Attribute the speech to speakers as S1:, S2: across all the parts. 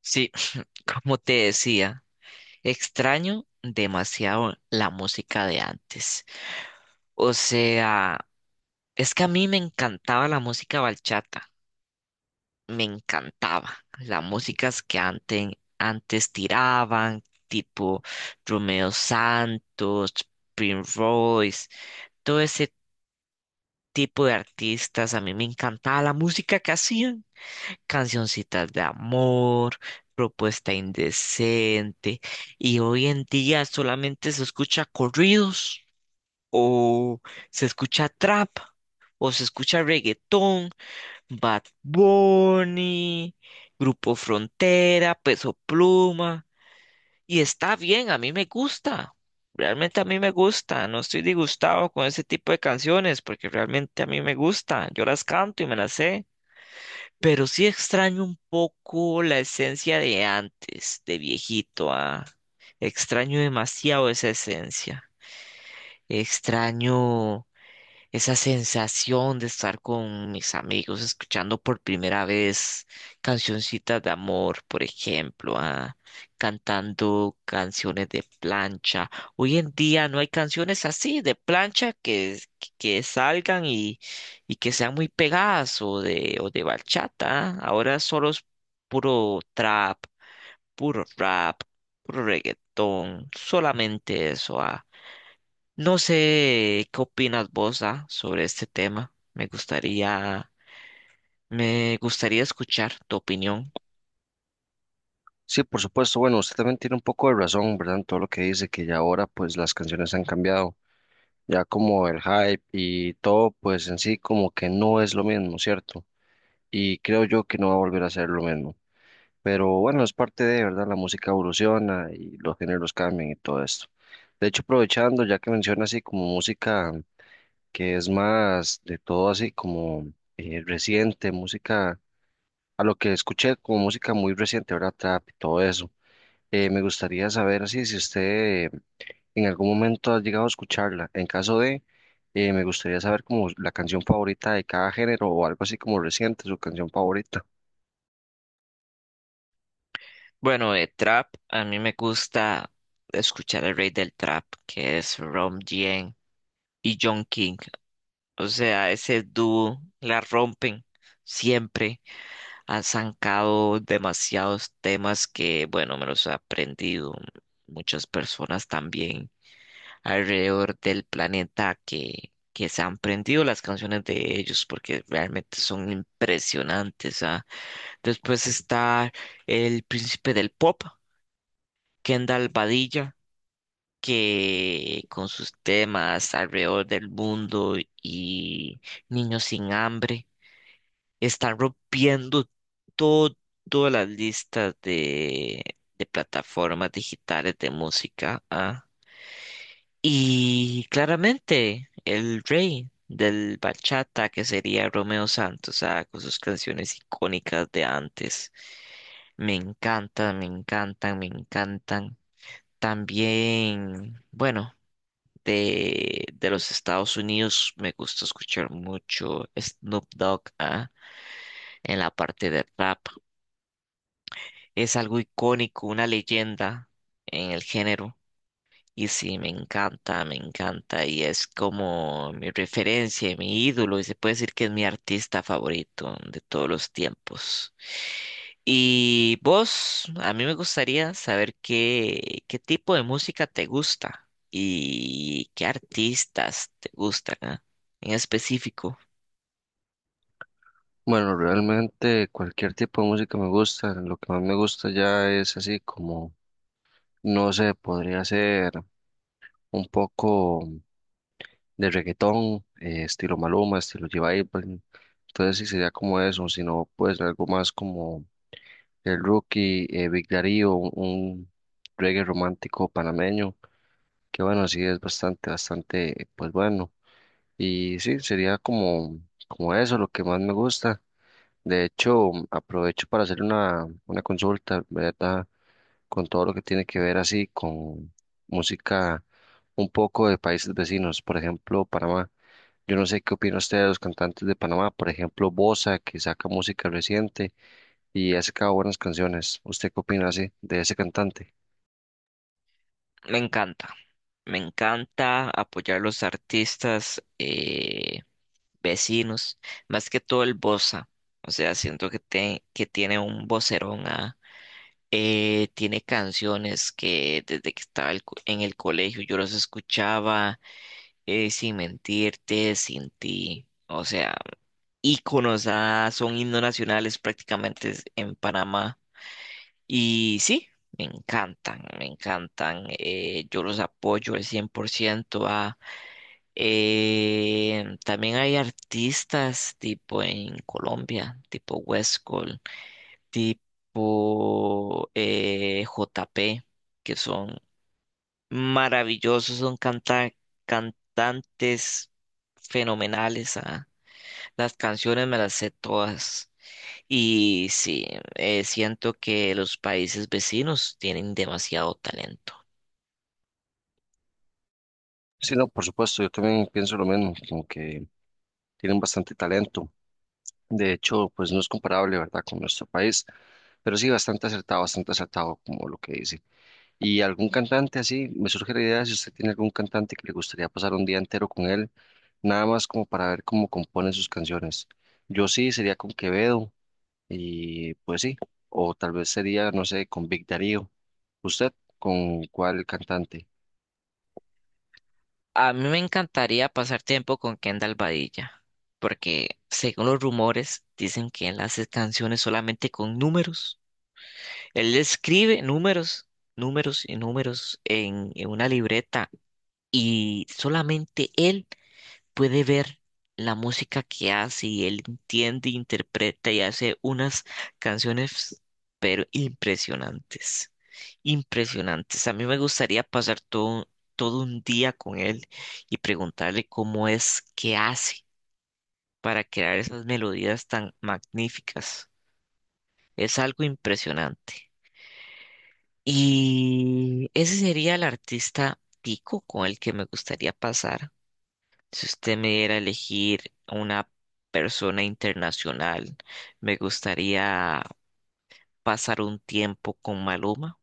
S1: Sí, como te decía, extraño demasiado la música de antes. O sea, es que a mí me encantaba la música bachata, me encantaba. Las músicas que antes tiraban, tipo Romeo Santos, Prince Royce, todo ese tipo de artistas, a mí me encantaba la música que hacían. Cancioncitas de amor, propuesta indecente, y hoy en día solamente se escucha corridos, o se escucha trap, o se escucha reggaetón, Bad Bunny, Grupo Frontera, Peso Pluma, y está bien, a mí me gusta. Realmente a mí me gusta, no estoy disgustado con ese tipo de canciones porque realmente a mí me gusta, yo las canto y me las sé. Pero sí extraño un poco la esencia de antes, de viejito, Extraño demasiado esa esencia. Extraño esa sensación de estar con mis amigos escuchando por primera vez cancioncitas de amor, por ejemplo, cantando canciones de plancha. Hoy en día no hay canciones así de plancha que salgan y que sean muy pegadas o de bachata. Ah. Ahora solo es puro trap, puro rap, puro reggaetón, solamente eso. Ah. No sé qué opinas vos, sobre este tema. Me gustaría escuchar tu opinión.
S2: Sí, por supuesto. Bueno, usted también tiene un poco de razón, ¿verdad? En todo lo que dice, que ya ahora pues las canciones han cambiado, ya como el hype y todo pues en sí como que no es lo mismo, ¿cierto? Y creo yo que no va a volver a ser lo mismo. Pero bueno, es parte de, ¿verdad? La música evoluciona y los géneros cambian y todo esto. De hecho, aprovechando, ya que menciona así como música que es más de todo así como reciente, música, a lo que escuché como música muy reciente, ¿verdad? Trap y todo eso. Me gustaría saber así, si usted en algún momento ha llegado a escucharla. En caso de, me gustaría saber como la canción favorita de cada género o algo así como reciente, su canción favorita.
S1: Bueno, de trap, a mí me gusta escuchar el rey del trap, que es Rom Dien y John King. O sea, ese dúo la rompen siempre. Han sacado demasiados temas que, bueno, me los he aprendido. Muchas personas también alrededor del planeta que se han aprendido las canciones de ellos porque realmente son impresionantes, Después está el príncipe del pop, Kendall Badilla, que con sus temas alrededor del mundo y niños sin hambre están rompiendo todo- todas las listas de plataformas digitales de música. ¿Ah? Y claramente el rey del bachata, que sería Romeo Santos, con sus canciones icónicas de antes. Me encantan, me encantan, me encantan. También, bueno, de los Estados Unidos me gusta escuchar mucho Snoop Dogg, en la parte de rap. Es algo icónico, una leyenda en el género. Y sí, me encanta y es como mi referencia, y mi ídolo y se puede decir que es mi artista favorito de todos los tiempos. Y vos, a mí me gustaría saber qué tipo de música te gusta y qué artistas te gustan, en específico.
S2: Bueno, realmente cualquier tipo de música me gusta. Lo que más me gusta ya es así como, no sé, podría ser un poco de reggaetón, estilo Maluma, estilo J Balvin. Entonces sí sería como eso, sino pues algo más como el rookie Big Darío, un reggae romántico panameño, que bueno, sí es bastante, bastante, pues bueno. Y sí, sería como, como eso lo que más me gusta. De hecho, aprovecho para hacer una consulta, ¿verdad? Con todo lo que tiene que ver así con música un poco de países vecinos, por ejemplo, Panamá. Yo no sé qué opina usted de los cantantes de Panamá, por ejemplo, Bosa, que saca música reciente y ha sacado buenas canciones. ¿Usted qué opina así de ese cantante?
S1: Me encanta, me encanta apoyar los artistas, vecinos, más que todo el Bosa. O sea, que tiene un vocerón, tiene canciones que desde que estaba el co- en el colegio yo los escuchaba, sin mentirte, sin ti. O sea, íconos, son himnos nacionales prácticamente en Panamá, y sí. Me encantan, yo los apoyo al 100%, también hay artistas tipo en Colombia, tipo Westcol, tipo J P, que son maravillosos, son cantantes fenomenales. Ah. Las canciones me las sé todas. Y sí, siento que los países vecinos tienen demasiado talento.
S2: Sí, no, por supuesto, yo también pienso lo mismo, como que tienen bastante talento. De hecho, pues no es comparable, ¿verdad?, con nuestro país, pero sí bastante acertado, como lo que dice. Y algún cantante así, me surge la idea, si usted tiene algún cantante que le gustaría pasar un día entero con él, nada más como para ver cómo compone sus canciones. Yo sí sería con Quevedo y pues sí, o tal vez sería, no sé, con Big Darío. ¿Usted con cuál cantante?
S1: A mí me encantaría pasar tiempo con Kendall Badilla, porque según los rumores dicen que él hace canciones solamente con números. Él escribe números, números y números en una libreta y solamente él puede ver la música que hace y él entiende, interpreta y hace unas canciones, pero impresionantes, impresionantes. A mí me gustaría pasar todo un día con él y preguntarle cómo es que hace para crear esas melodías tan magníficas. Es algo impresionante. Y ese sería el artista tico con el que me gustaría pasar. Si usted me diera a elegir una persona internacional, me gustaría pasar un tiempo con Maluma,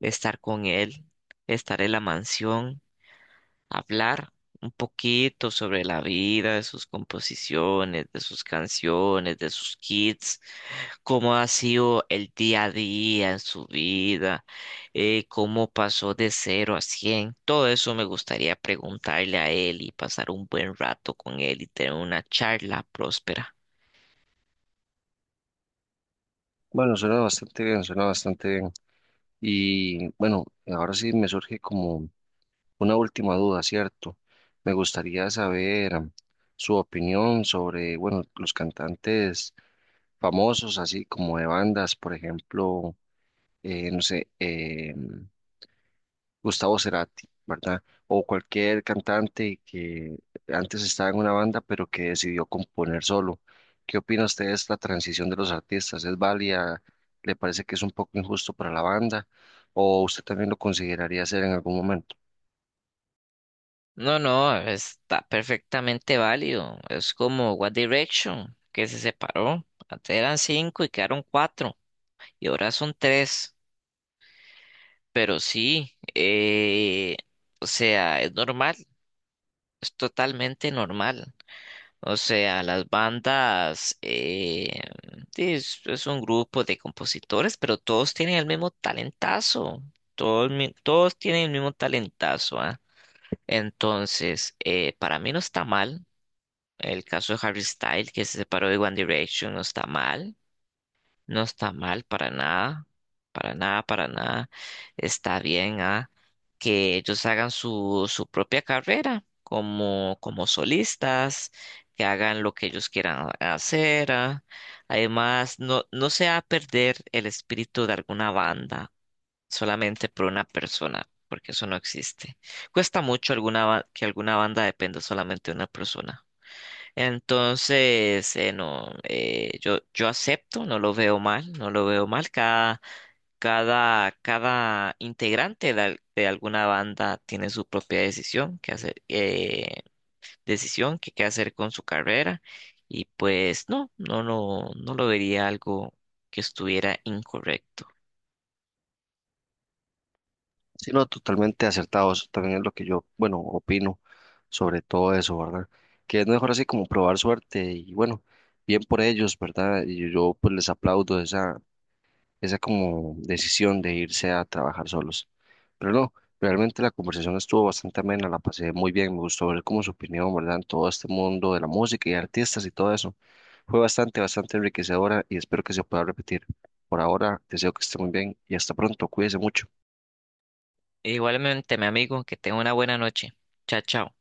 S1: estar con él, estar en la mansión, hablar un poquito sobre la vida, de sus composiciones, de sus canciones, de sus kits, cómo ha sido el día a día en su vida, cómo pasó de cero a cien. Todo eso me gustaría preguntarle a él y pasar un buen rato con él y tener una charla próspera.
S2: Bueno, suena bastante bien, suena bastante bien. Y bueno, ahora sí me surge como una última duda, ¿cierto? Me gustaría saber su opinión sobre, bueno, los cantantes famosos, así como de bandas, por ejemplo, no sé, Gustavo Cerati, ¿verdad? O cualquier cantante que antes estaba en una banda, pero que decidió componer solo. ¿Qué opina usted de esta transición de los artistas? ¿Es válida? ¿Le parece que es un poco injusto para la banda? ¿O usted también lo consideraría hacer en algún momento?
S1: No, no, está perfectamente válido. Es como One Direction, que se separó. Antes eran cinco y quedaron cuatro. Y ahora son tres. Pero sí, o sea, es normal, es totalmente normal. O sea, las bandas sí, es un grupo de compositores, pero todos tienen el mismo talentazo. Todos tienen el mismo talentazo, Entonces, para mí no está mal. El caso de Harry Styles, que se separó de One Direction, no está mal. No está mal para nada, para nada, para nada. Está bien, que ellos hagan su propia carrera como, como solistas, que hagan lo que ellos quieran hacer. Ah. Además, no, no se va a perder el espíritu de alguna banda solamente por una persona, porque eso no existe. Cuesta mucho que alguna banda dependa solamente de una persona. Entonces, no, yo acepto, no lo veo mal, no lo veo mal. Cada integrante de alguna banda tiene su propia decisión que hacer, decisión que qué hacer con su carrera. Y pues no, no lo vería algo que estuviera incorrecto.
S2: Sí, no, totalmente acertado. Eso también es lo que yo, bueno, opino sobre todo eso, ¿verdad? Que es mejor así como probar suerte y bueno, bien por ellos, ¿verdad? Y yo pues les aplaudo esa esa como decisión de irse a trabajar solos. Pero no, realmente la conversación estuvo bastante amena, la pasé muy bien, me gustó ver como su opinión, ¿verdad? En todo este mundo de la música y artistas y todo eso. Fue bastante, bastante enriquecedora y espero que se pueda repetir. Por ahora, deseo que esté muy bien y hasta pronto, cuídese mucho.
S1: Igualmente, mi amigo, que tenga una buena noche. Chao, chao.